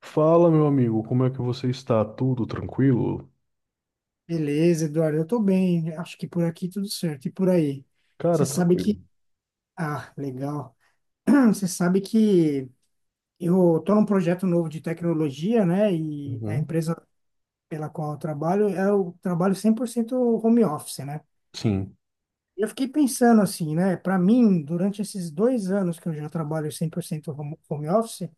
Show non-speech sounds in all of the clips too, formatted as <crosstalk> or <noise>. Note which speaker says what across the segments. Speaker 1: Fala, meu amigo, como é que você está? Tudo tranquilo?
Speaker 2: Beleza, Eduardo, eu tô bem. Acho que por aqui tudo certo. E por aí? Você
Speaker 1: Cara,
Speaker 2: sabe
Speaker 1: tranquilo.
Speaker 2: que. Ah, legal. Ah, você sabe que eu tô num projeto novo de tecnologia, né? E a
Speaker 1: Uhum.
Speaker 2: empresa pela qual eu trabalho 100% home office, né?
Speaker 1: Sim.
Speaker 2: Eu fiquei pensando assim, né? Para mim, durante esses 2 anos que eu já trabalho 100% home office,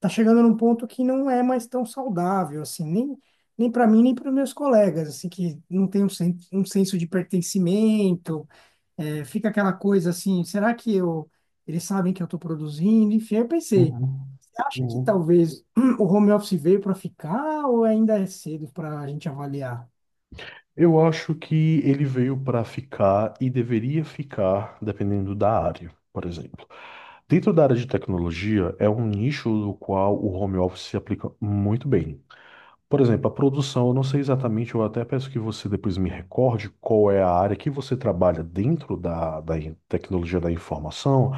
Speaker 2: tá chegando num ponto que não é mais tão saudável, assim, nem. Nem para mim, nem para meus colegas, assim, que não tem um senso de pertencimento. É, fica aquela coisa assim, eles sabem que eu estou produzindo? Enfim, eu pensei,
Speaker 1: Uhum.
Speaker 2: você acha que
Speaker 1: Uhum.
Speaker 2: talvez <clears throat> o home office veio para ficar ou ainda é cedo para a gente avaliar?
Speaker 1: Eu acho que ele veio para ficar e deveria ficar, dependendo da área, por exemplo. Dentro da área de tecnologia, é um nicho do qual o home office se aplica muito bem. Por exemplo, a produção, eu não sei exatamente, eu até peço que você depois me recorde qual é a área que você trabalha dentro da tecnologia da informação,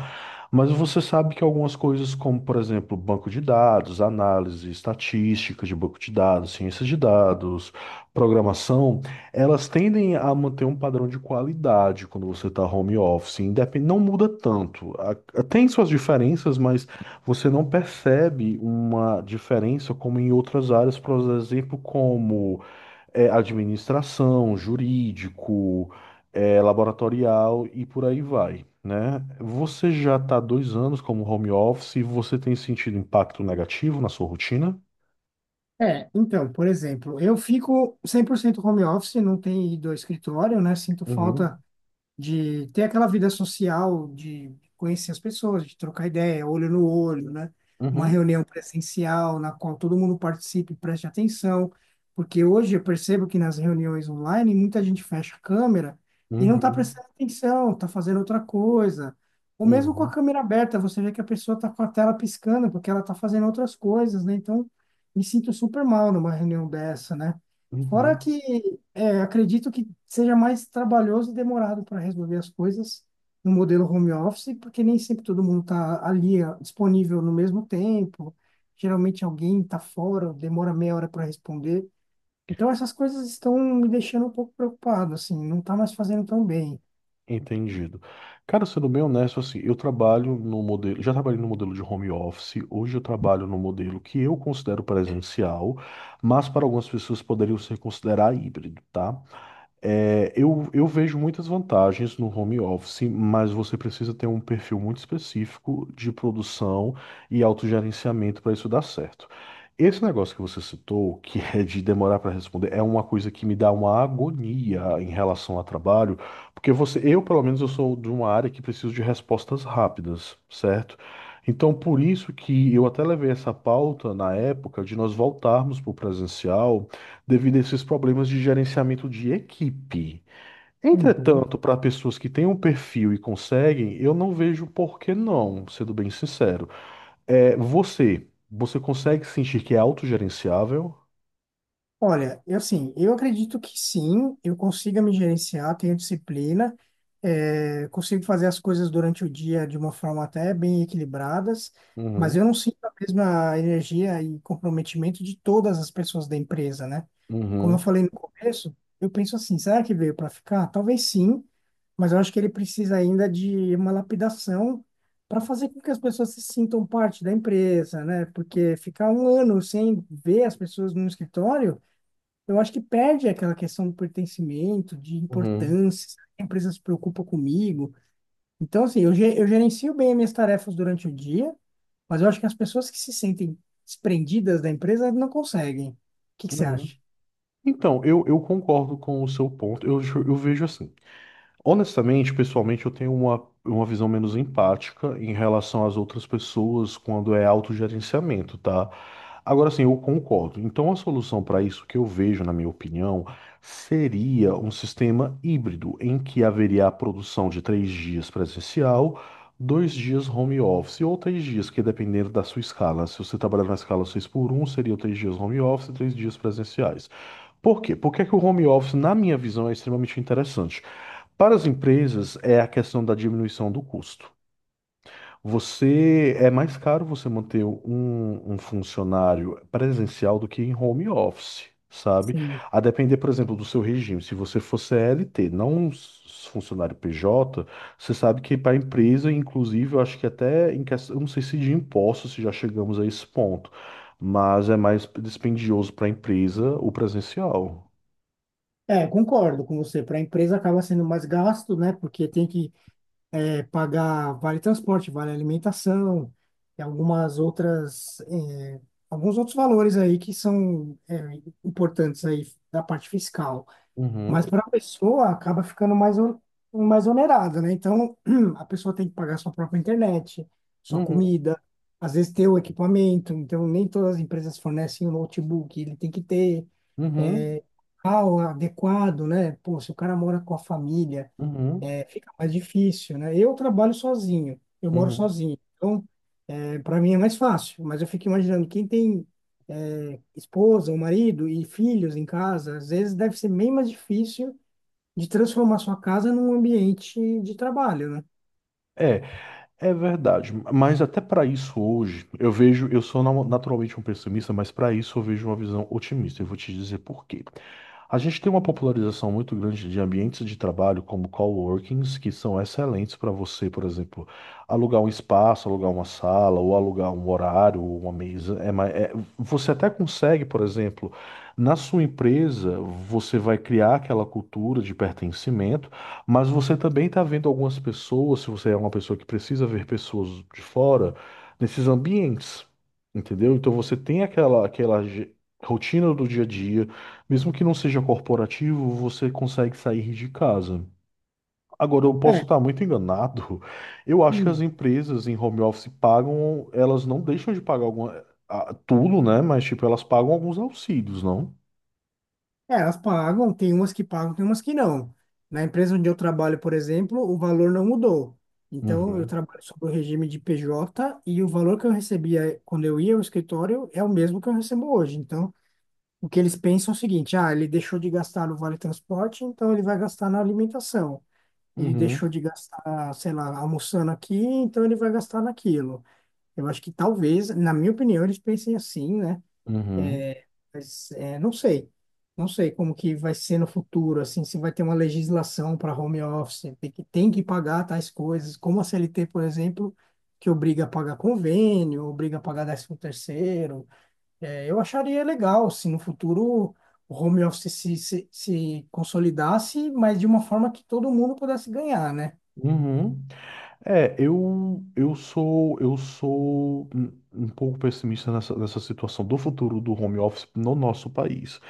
Speaker 1: mas você sabe que algumas coisas, como, por exemplo, banco de dados, análise estatística de banco de dados, ciência de dados, programação, elas tendem a manter um padrão de qualidade quando você está home office, independe, não muda tanto. A- Tem suas diferenças, mas você não percebe uma diferença como em outras áreas, por exemplo, como administração, jurídico, laboratorial e por aí vai, né? Você já está dois anos como home office e você tem sentido impacto negativo na sua rotina?
Speaker 2: É, então, por exemplo, eu fico 100% home office, não tenho ido ao escritório, né? Sinto
Speaker 1: Uhum,
Speaker 2: falta de ter aquela vida social, de conhecer as pessoas, de trocar ideia, olho no olho, né? Uma
Speaker 1: uhum,
Speaker 2: reunião presencial na qual todo mundo participe e preste atenção, porque hoje eu percebo que nas reuniões online muita gente fecha a câmera e não está
Speaker 1: uhum,
Speaker 2: prestando atenção, está fazendo outra coisa. Ou mesmo com a
Speaker 1: uhum,
Speaker 2: câmera aberta, você vê que a pessoa está com a tela piscando porque ela está fazendo outras coisas, né? Então, me sinto super mal numa reunião dessa, né? Fora
Speaker 1: uhum.
Speaker 2: que acredito que seja mais trabalhoso e demorado para resolver as coisas no modelo home office, porque nem sempre todo mundo está ali disponível no mesmo tempo. Geralmente alguém está fora, demora meia hora para responder. Então essas coisas estão me deixando um pouco preocupado, assim, não está mais fazendo tão bem.
Speaker 1: Entendido. Cara, sendo bem honesto, assim, eu trabalho no modelo, já trabalhei no modelo de home office, hoje eu trabalho no modelo que eu considero presencial, mas para algumas pessoas poderiam ser considerar híbrido, tá? Eu vejo muitas vantagens no home office, mas você precisa ter um perfil muito específico de produção e autogerenciamento para isso dar certo. Esse negócio que você citou, que é de demorar para responder, é uma coisa que me dá uma agonia em relação ao trabalho, porque eu, pelo menos, eu sou de uma área que preciso de respostas rápidas, certo? Então, por isso que eu até levei essa pauta na época de nós voltarmos para o presencial devido a esses problemas de gerenciamento de equipe.
Speaker 2: Uhum.
Speaker 1: Entretanto, para pessoas que têm um perfil e conseguem, eu não vejo por que não, sendo bem sincero. Você consegue sentir que é autogerenciável?
Speaker 2: Olha, eu assim, eu acredito que sim, eu consiga me gerenciar, tenho disciplina, consigo fazer as coisas durante o dia de uma forma até bem equilibradas, mas
Speaker 1: Uhum,
Speaker 2: eu não sinto a mesma energia e comprometimento de todas as pessoas da empresa, né? Como eu
Speaker 1: uhum,
Speaker 2: falei no começo, eu penso assim, será que veio para ficar? Talvez sim, mas eu acho que ele precisa ainda de uma lapidação para fazer com que as pessoas se sintam parte da empresa, né? Porque ficar um ano sem ver as pessoas no escritório eu acho que perde aquela questão do pertencimento, de
Speaker 1: uhum,
Speaker 2: importância, será que a empresa se preocupa comigo. Então, assim, eu gerencio bem as minhas tarefas durante o dia, mas eu acho que as pessoas que se sentem desprendidas da empresa não conseguem. O que que você
Speaker 1: uhum.
Speaker 2: acha?
Speaker 1: Então, eu concordo com o seu ponto. Eu vejo assim. Honestamente, pessoalmente, eu tenho uma visão menos empática em relação às outras pessoas quando é autogerenciamento, tá? Agora sim, eu concordo. Então, a solução para isso que eu vejo, na minha opinião, seria um sistema híbrido em que haveria a produção de três dias presencial, dois dias home office ou três dias, que dependendo da sua escala. Se você trabalhar na escala 6 por um, seria três dias home office e três dias presenciais. Por quê? Porque que o home office, na minha visão, é extremamente interessante? Para as empresas, é a questão da diminuição do custo. Você é mais caro você manter um funcionário presencial do que em home office, sabe?
Speaker 2: Sim.
Speaker 1: A depender, por exemplo, do seu regime. Se você for CLT, não um s- funcionário PJ, você sabe que para a empresa, inclusive, eu acho que até em questão, eu não sei se de impostos, se já chegamos a esse ponto, mas é mais dispendioso para a empresa o presencial.
Speaker 2: É, concordo com você. Para a empresa acaba sendo mais gasto, né? Porque tem que pagar vale transporte, vale alimentação, e algumas outras, alguns outros valores aí que são importantes aí da parte fiscal. Mas
Speaker 1: Uhum,
Speaker 2: para a pessoa acaba ficando mais onerada, né? Então, <clears throat> a pessoa tem que pagar sua própria internet, sua
Speaker 1: uhum,
Speaker 2: comida, às vezes ter o equipamento. Então, nem todas as empresas fornecem o notebook, ele tem que ter
Speaker 1: uhum,
Speaker 2: é, o adequado, né? Pô, se o cara mora com a família,
Speaker 1: uhum,
Speaker 2: fica mais difícil, né? Eu trabalho sozinho, eu moro
Speaker 1: uhum.
Speaker 2: sozinho, então para mim é mais fácil, mas eu fico imaginando quem tem esposa, ou marido e filhos em casa, às vezes deve ser bem mais difícil de transformar sua casa num ambiente de trabalho, né?
Speaker 1: É, É verdade, mas até para isso hoje, eu vejo, eu sou naturalmente um pessimista, mas para isso eu vejo uma visão otimista. Eu vou te dizer por quê. A gente tem uma popularização muito grande de ambientes de trabalho como coworkings, que são excelentes para você, por exemplo, alugar um espaço, alugar uma sala, ou alugar um horário, ou uma mesa. Você até consegue, por exemplo, na sua empresa, você vai criar aquela cultura de pertencimento, mas você também está vendo algumas pessoas, se você é uma pessoa que precisa ver pessoas de fora, nesses ambientes, entendeu? Então você tem aquela rotina do dia a dia. Mesmo que não seja corporativo, você consegue sair de casa. Agora, eu posso
Speaker 2: É.
Speaker 1: estar muito enganado. Eu acho que as
Speaker 2: Hum.
Speaker 1: empresas em home office pagam, elas não deixam de pagar alguma, ah, tudo, né? Mas, tipo, elas pagam alguns auxílios, não?
Speaker 2: É, elas pagam, tem umas que pagam, tem umas que não. Na empresa onde eu trabalho, por exemplo, o valor não mudou. Então, eu
Speaker 1: Uhum,
Speaker 2: trabalho sob o regime de PJ e o valor que eu recebia quando eu ia ao escritório é o mesmo que eu recebo hoje. Então, o que eles pensam é o seguinte: ah, ele deixou de gastar no vale transporte, então ele vai gastar na alimentação. Ele
Speaker 1: uhum,
Speaker 2: deixou de gastar, sei lá, almoçando aqui, então ele vai gastar naquilo. Eu acho que talvez, na minha opinião, eles pensem assim, né?
Speaker 1: uhum,
Speaker 2: Mas é, não sei. Não sei como que vai ser no futuro, assim, se vai ter uma legislação para home office, tem que pagar tais coisas, como a CLT, por exemplo, que obriga a pagar convênio, obriga a pagar 13º. É, eu acharia legal se no futuro o home office se consolidasse, mas de uma forma que todo mundo pudesse ganhar, né?
Speaker 1: uhum. É, eu sou um um pouco pessimista nessa situação do futuro do home office no nosso país.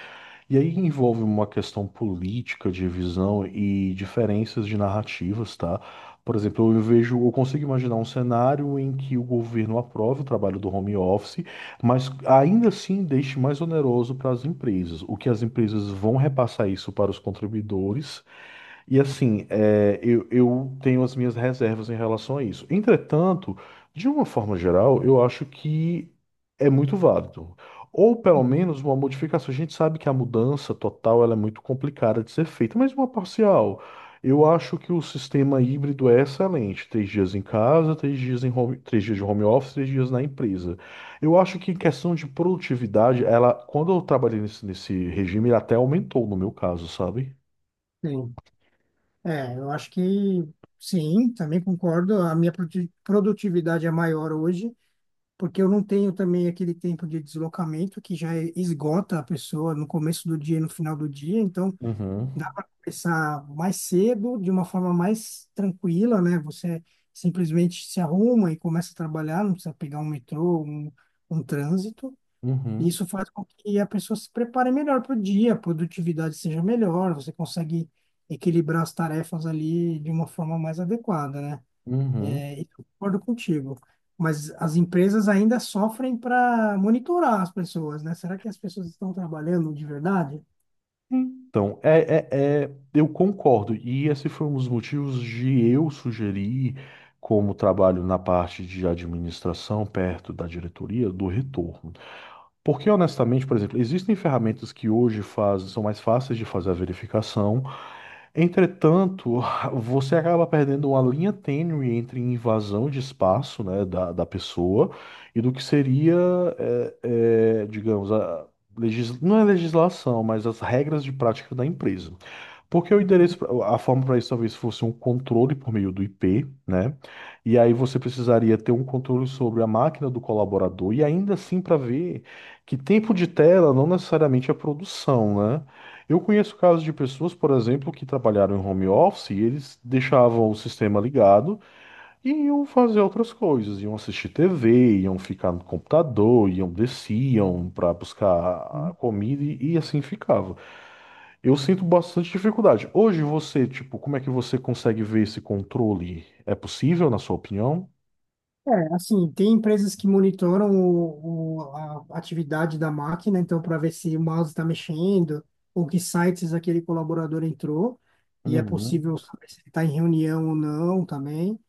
Speaker 1: E aí envolve uma questão política de visão e diferenças de narrativas, tá? Por exemplo, eu vejo, eu consigo imaginar um cenário em que o governo aprove o trabalho do home office, mas ainda assim deixe mais oneroso para as empresas. O que as empresas vão repassar isso para os contribuidores e assim, eu tenho as minhas reservas em relação a isso. Entretanto, de uma forma geral, eu acho que é muito válido. Ou pelo
Speaker 2: Uhum.
Speaker 1: menos uma modificação. A gente sabe que a mudança total ela é muito complicada de ser feita, mas uma parcial. Eu acho que o sistema híbrido é excelente. Três dias em casa, três dias em home, três dias de home office, três dias na empresa. Eu acho que em questão de produtividade, ela, quando eu trabalhei nesse regime, ela até aumentou no meu caso, sabe?
Speaker 2: Sim. É, eu acho que sim, também concordo. A minha produtividade é maior hoje porque eu não tenho também aquele tempo de deslocamento que já esgota a pessoa no começo do dia e no final do dia, então
Speaker 1: Uhum.
Speaker 2: dá para começar mais cedo, de uma forma mais tranquila, né? Você simplesmente se arruma e começa a trabalhar, não precisa pegar um metrô, um trânsito. E
Speaker 1: Uhum,
Speaker 2: isso faz com que a pessoa se prepare melhor para o dia, a produtividade seja melhor, você consegue equilibrar as tarefas ali de uma forma mais adequada, né?
Speaker 1: uhum.
Speaker 2: É, eu concordo contigo, mas as empresas ainda sofrem para monitorar as pessoas, né? Será que as pessoas estão trabalhando de verdade?
Speaker 1: Então, eu concordo. E esse foi um dos motivos de eu sugerir, como trabalho na parte de administração, perto da diretoria, do retorno. Porque, honestamente, por exemplo, existem ferramentas que hoje fazem, são mais fáceis de fazer a verificação. Entretanto, <laughs> você acaba perdendo uma linha tênue entre invasão de espaço, né, da pessoa e do que seria, é, digamos, a não é legislação, mas as regras de prática da empresa. Porque o endereço, a forma para isso talvez fosse um controle por meio do IP, né? E aí você precisaria ter um controle sobre a máquina do colaborador e ainda assim para ver que tempo de tela não necessariamente é produção, né? Eu conheço casos de pessoas, por exemplo, que trabalharam em home office e eles deixavam o sistema ligado e iam fazer outras coisas, iam assistir TV, iam ficar no computador, iam desciam para buscar
Speaker 2: Uhum.
Speaker 1: comida e assim ficava. Eu sinto bastante dificuldade. Hoje você, tipo, como é que você consegue ver esse controle? É possível, na sua opinião?
Speaker 2: É, assim, tem empresas que monitoram a atividade da máquina, então, para ver se o mouse está mexendo ou que sites aquele colaborador entrou, e é possível
Speaker 1: Uhum.
Speaker 2: saber se ele está em reunião ou não também.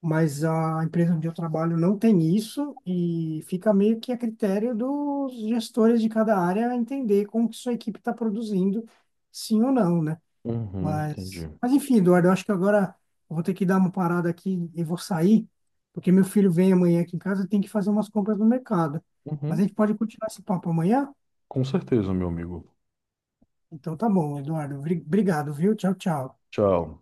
Speaker 2: Mas a empresa onde eu trabalho não tem isso e fica meio que a critério dos gestores de cada área entender como que sua equipe está produzindo, sim ou não, né?
Speaker 1: Uhum, entendi.
Speaker 2: Mas enfim, Eduardo, eu acho que agora eu vou ter que dar uma parada aqui e vou sair, porque meu filho vem amanhã aqui em casa e tem que fazer umas compras no mercado. Mas a
Speaker 1: Uhum.
Speaker 2: gente pode continuar esse papo amanhã?
Speaker 1: Com certeza, meu amigo.
Speaker 2: Então tá bom, Eduardo. Obrigado, viu? Tchau, tchau.
Speaker 1: Tchau.